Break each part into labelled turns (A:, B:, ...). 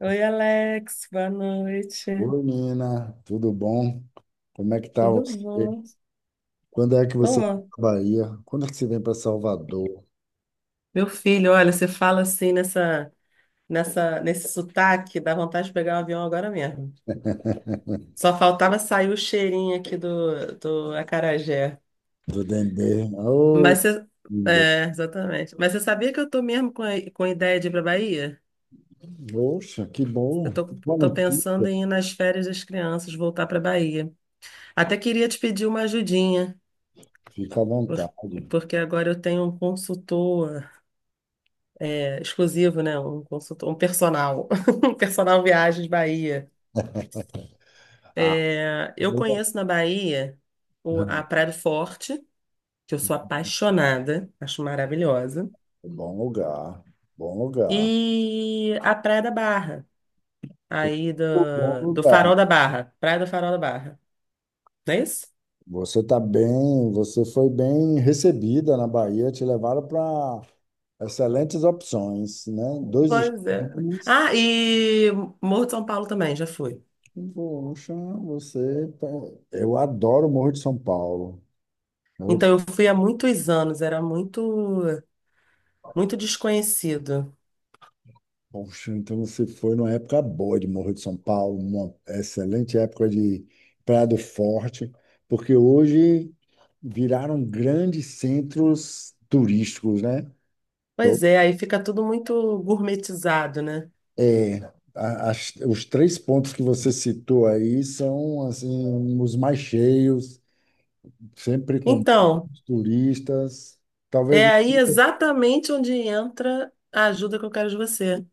A: Oi, Alex, boa noite.
B: Oi, Nina, tudo bom? Como é que tá
A: Tudo
B: você?
A: bom?
B: Quando é que você está
A: Tô.
B: na Bahia? Quando é que você vem para Salvador,
A: Meu filho, olha, você fala assim nessa, nesse sotaque, dá vontade de pegar um avião agora mesmo. Só faltava sair o cheirinho aqui do acarajé.
B: do Dendê? Oh,
A: Mas você,
B: que bom.
A: é, exatamente. Mas você sabia que eu tô mesmo com a ideia de ir pra Bahia?
B: Poxa, que
A: Eu
B: bom.
A: tô,
B: Boa
A: Tô pensando
B: notícia.
A: em ir nas férias das crianças, voltar pra Bahia. Até queria te pedir uma ajudinha,
B: Fica à
A: por-
B: vontade.
A: porque agora eu tenho um consultor exclusivo, né? Um consultor, um personal, um personal Viagens Bahia.
B: Ah,
A: É, eu
B: boa.
A: conheço na Bahia a
B: Uhum.
A: Praia do Forte, que eu sou apaixonada, acho maravilhosa,
B: Bom lugar, bom lugar.
A: e a Praia da Barra, aí
B: Bom
A: do
B: lugar.
A: Farol da Barra, Praia do Farol da Barra, não é isso?
B: Você está bem, você foi bem recebida na Bahia, te levaram para excelentes opções, né? Dois
A: Pois é.
B: extremos.
A: Ah, e Morro de São Paulo também, já fui.
B: Poxa, você. Eu adoro o Morro de São Paulo. Eu-
A: Então, eu fui há muitos anos, era muito desconhecido.
B: Poxa, então você foi numa época boa de Morro de São Paulo, uma excelente época de Praia do Forte, porque hoje viraram grandes centros turísticos, né? Então,
A: Pois é, aí fica tudo muito gourmetizado, né?
B: é, os três pontos que você citou aí são assim, os mais cheios, sempre com
A: Então,
B: turistas. Talvez
A: é aí exatamente onde entra a ajuda que eu quero de você.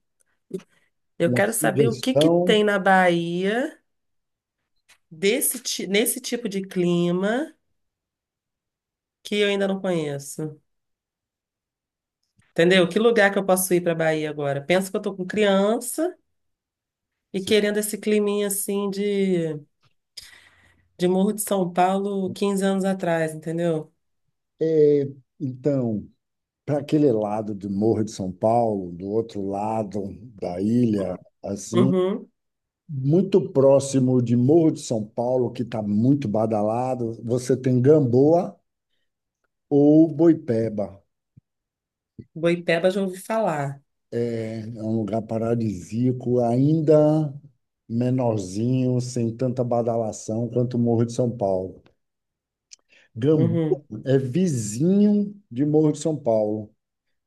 A: Eu
B: uma
A: quero saber o que que
B: sugestão.
A: tem na Bahia nesse tipo de clima que eu ainda não conheço. Entendeu? Que lugar que eu posso ir para Bahia agora? Pensa que eu tô com criança e querendo esse climinha assim de Morro de São Paulo 15 anos atrás, entendeu?
B: É, então, para aquele lado do Morro de São Paulo, do outro lado da ilha, assim,
A: Uhum.
B: muito próximo de Morro de São Paulo, que está muito badalado, você tem Gamboa ou Boipeba.
A: Boipeba já ouvi falar.
B: Né? É um lugar paradisíaco, ainda menorzinho, sem tanta badalação quanto o Morro de São Paulo. Gamboa
A: Uhum.
B: é vizinho de Morro de São Paulo.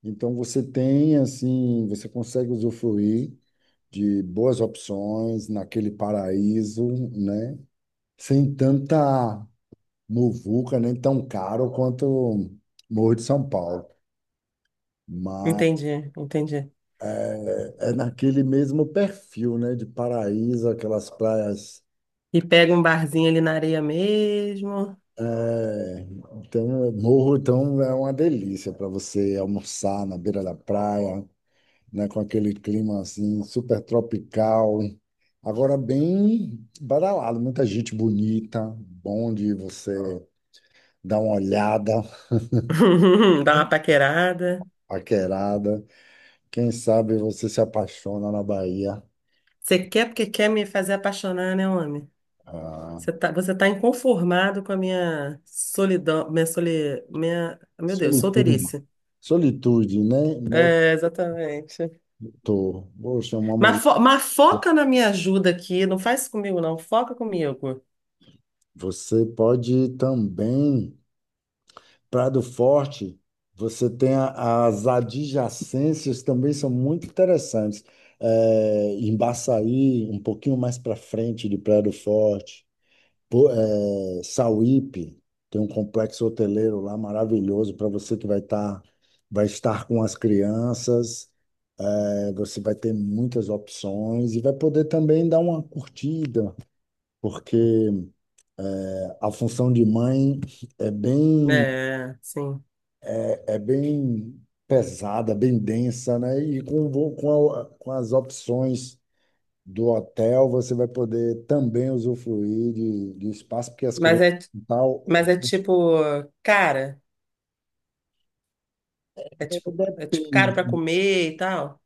B: Então você tem assim, você consegue usufruir de boas opções naquele paraíso, né? Sem tanta muvuca, nem tão caro quanto Morro de São Paulo. Mas
A: Entendi, entendi.
B: é naquele mesmo perfil, né? De paraíso, aquelas praias.
A: E pega um barzinho ali na areia mesmo.
B: É, Então, Morro, então, é uma delícia para você almoçar na beira da praia, né? Com aquele clima, assim, super tropical. Agora, bem badalado, muita gente bonita, bom de você dá uma olhada,
A: Dá uma paquerada.
B: paquerada. Quem sabe você se apaixona na Bahia.
A: Você quer porque quer me fazer apaixonar, né, homem?
B: Ah,
A: Você tá inconformado com a minha solidão, meu Deus,
B: solitude.
A: solteirice.
B: Solitude, né?
A: É, exatamente.
B: Tô. Poxa, uma mulher.
A: Mas foca na minha ajuda aqui, não faz isso comigo, não, foca comigo.
B: Você pode ir também. Prado Forte, você tem as adjacências também são muito interessantes. Em Baçaí, um pouquinho mais para frente de Prado Forte. Sauípe, tem um complexo hoteleiro lá maravilhoso para você que vai estar com as crianças. É, você vai ter muitas opções e vai poder também dar uma curtida, porque a função de mãe é bem
A: É, sim.
B: é bem pesada, bem densa, né? E com, vo- com, a- com as opções do hotel, você vai poder também usufruir de espaço, porque as
A: Mas
B: crianças
A: é, mas é tipo, cara, é tipo caro pra
B: depende.
A: comer e tal.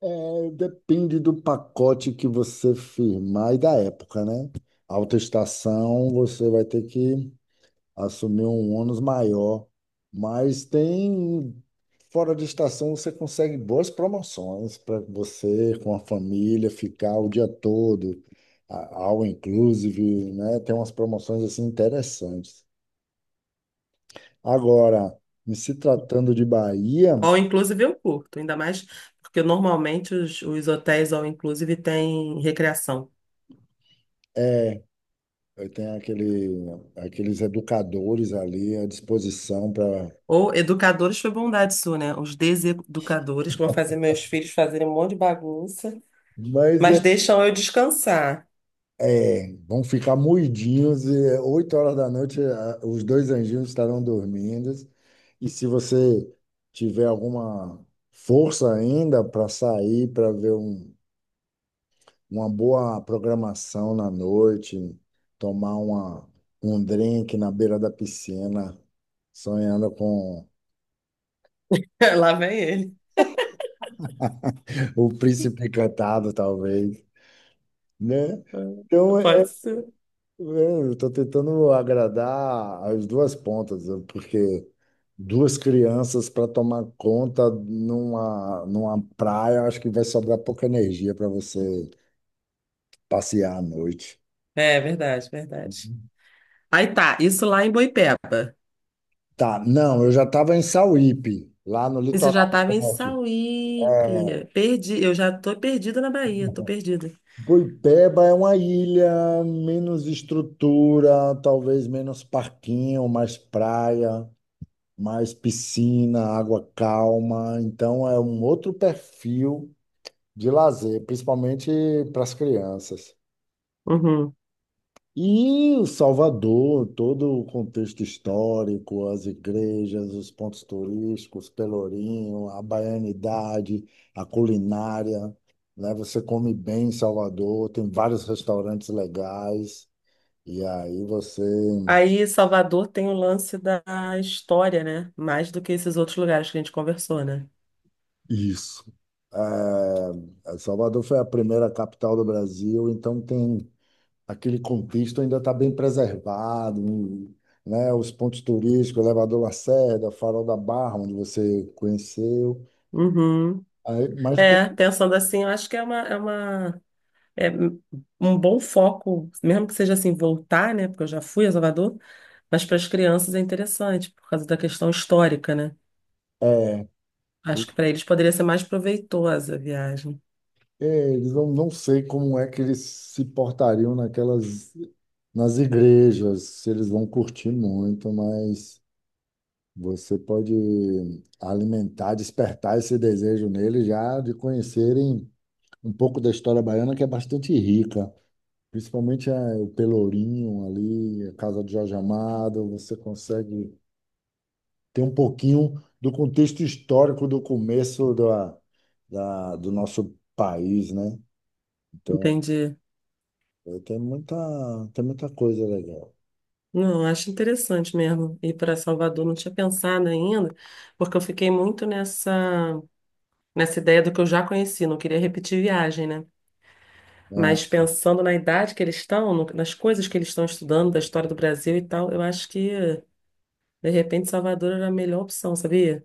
B: É, depende do pacote que você firmar e da época, né? Alta estação, você vai ter que assumir um ônus maior, mas tem fora de estação você consegue boas promoções para você com a família ficar o dia todo, all inclusive, né? Tem umas promoções assim interessantes. Agora, em se tratando de Bahia,
A: All inclusive eu curto, ainda mais porque normalmente os hotéis all inclusive têm recreação.
B: é, eu tenho aqueles educadores ali à disposição para.
A: Ou educadores foi bondade sua, né? Os deseducadores que vão fazer meus filhos fazerem um monte de bagunça,
B: Mas
A: mas
B: é,
A: deixam eu descansar.
B: vão ficar moidinhos e é, 8 horas da noite os dois anjinhos estarão dormindo. E se você tiver alguma força ainda para sair, para ver uma boa programação na noite, tomar um drink na beira da piscina, sonhando com
A: Lá vem ele.
B: o príncipe encantado, talvez. Né?
A: Ah,
B: Então,
A: pode ser.
B: eu estou tentando agradar as duas pontas, né, porque duas crianças para tomar conta numa praia, acho que vai sobrar pouca energia para você passear à noite.
A: É verdade, verdade. Aí tá, isso lá em Boipeba.
B: Tá, não, eu já estava em Sauípe, lá no
A: Isso eu já
B: litoral
A: tava em
B: norte. É,
A: Sauípe. Perdi, eu já tô perdida na Bahia, tô perdida.
B: Guipeba é uma ilha menos estrutura, talvez menos parquinho, mais praia. Mais piscina, água calma. Então é um outro perfil de lazer, principalmente para as crianças.
A: Uhum.
B: E o Salvador, todo o contexto histórico, as igrejas, os pontos turísticos, Pelourinho, a baianidade, a culinária, né? Você come bem em Salvador, tem vários restaurantes legais, e aí você
A: Aí, Salvador tem o lance da história, né? Mais do que esses outros lugares que a gente conversou, né?
B: isso. É, Salvador foi a primeira capital do Brasil, então tem aquele contexto ainda está bem preservado, né? Os pontos turísticos, Elevador Lacerda, Farol da Barra, onde você conheceu.
A: Uhum.
B: Aí,
A: É, pensando assim, eu acho que é é um bom foco, mesmo que seja assim, voltar, né? Porque eu já fui a Salvador, mas para as crianças é interessante, por causa da questão histórica, né?
B: é,
A: Acho
B: eu-
A: que para eles poderia ser mais proveitosa a viagem.
B: é, eles não, não sei como é que eles se portariam naquelas nas igrejas, se eles vão curtir muito, mas você pode alimentar, despertar esse desejo nele já de conhecerem um pouco da história baiana, que é bastante rica. Principalmente eh, o Pelourinho ali, a casa de Jorge Amado, você consegue ter um pouquinho do contexto histórico do começo do nosso país, né? Então,
A: Entendi.
B: eh, tem muita, tem muita coisa legal.
A: Não, acho interessante mesmo ir para Salvador. Não tinha pensado ainda, porque eu fiquei muito nessa ideia do que eu já conheci, não queria repetir viagem, né?
B: Né?
A: Mas pensando na idade que eles estão, nas coisas que eles estão estudando, da história do Brasil e tal, eu acho que, de repente, Salvador era a melhor opção, sabia?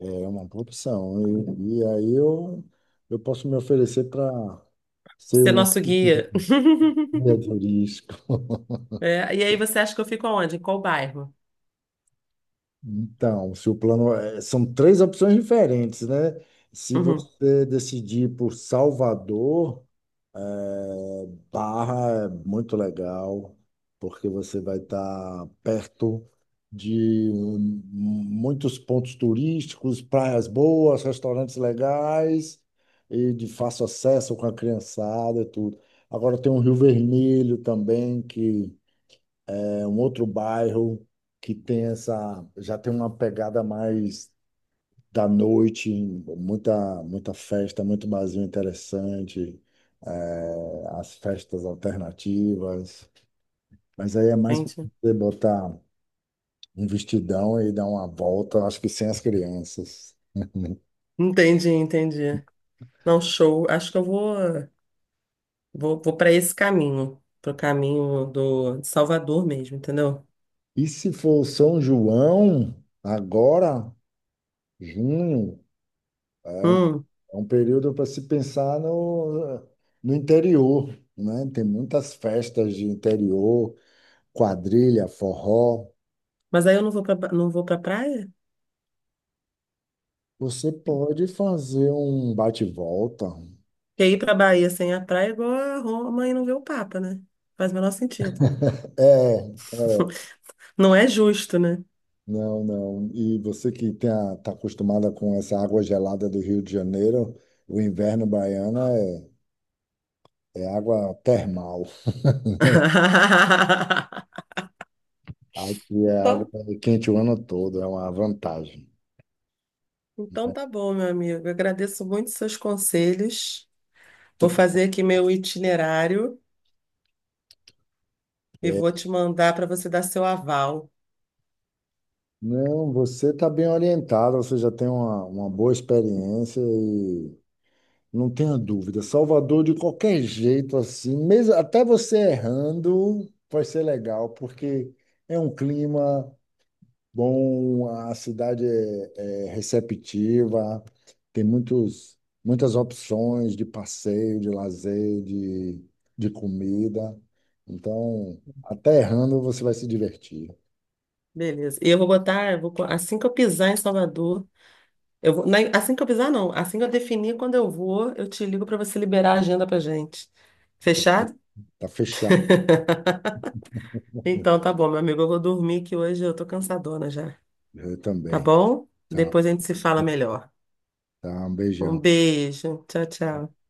B: É uma opção. E, e aí eu, eu posso me oferecer para ser
A: Ser
B: um.
A: nosso guia.
B: Guia turístico.
A: É, e aí você acha que eu fico aonde? Em qual bairro?
B: Então, se o plano são três opções diferentes, né? Se
A: Uhum,
B: você decidir por Salvador, é, Barra é muito legal, porque você vai estar perto de muitos pontos turísticos, praias boas, restaurantes legais e de fácil acesso com a criançada e tudo. Agora tem o Rio Vermelho também, que é um outro bairro que tem essa, já tem uma pegada mais da noite, muita festa, muito barzinho interessante, é, as festas alternativas. Mas aí é mais para
A: entendi.
B: você botar um vestidão e dar uma volta, acho que sem as crianças.
A: Entendi, entendi. Não, show. Acho que vou para esse caminho, pro caminho do de Salvador mesmo, entendeu?
B: E se for São João, agora, junho, é um
A: Hum,
B: é um período para se pensar no interior, né? Tem muitas festas de interior, quadrilha, forró.
A: mas aí eu não vou para não vou para praia?
B: Você pode fazer um bate-volta.
A: Porque ir pra Bahia sem a praia é igual a Roma e não ver o Papa, né? Faz o menor sentido.
B: É, é,
A: Não é justo, né?
B: não, não. E você que está acostumada com essa água gelada do Rio de Janeiro, o inverno baiano é água termal. Aqui é água
A: Então,
B: quente o ano todo, é uma vantagem.
A: então tá bom, meu amigo. Eu agradeço muito seus conselhos. Vou fazer aqui meu itinerário e vou te mandar para você dar seu aval.
B: Não, você está bem orientado, você já tem uma boa experiência e não tenha dúvida. Salvador, de qualquer jeito, assim, mesmo até você errando, vai ser legal, porque é um clima bom, a cidade é receptiva, tem muitos, muitas opções de passeio, de lazer, de comida. Então, até errando, você vai se divertir.
A: Beleza. E eu vou botar, assim que eu pisar em Salvador, assim que eu pisar, não. Assim que eu definir quando eu vou, eu te ligo para você liberar a agenda pra gente.
B: Tá
A: Fechado?
B: tá, fechado,
A: Então tá bom, meu amigo. Eu vou dormir que hoje eu tô cansadona já.
B: eh,
A: Tá
B: também.
A: bom?
B: Tá.
A: Depois a gente se fala melhor.
B: Tá, um
A: Um
B: beijão.
A: beijo. Tchau, tchau.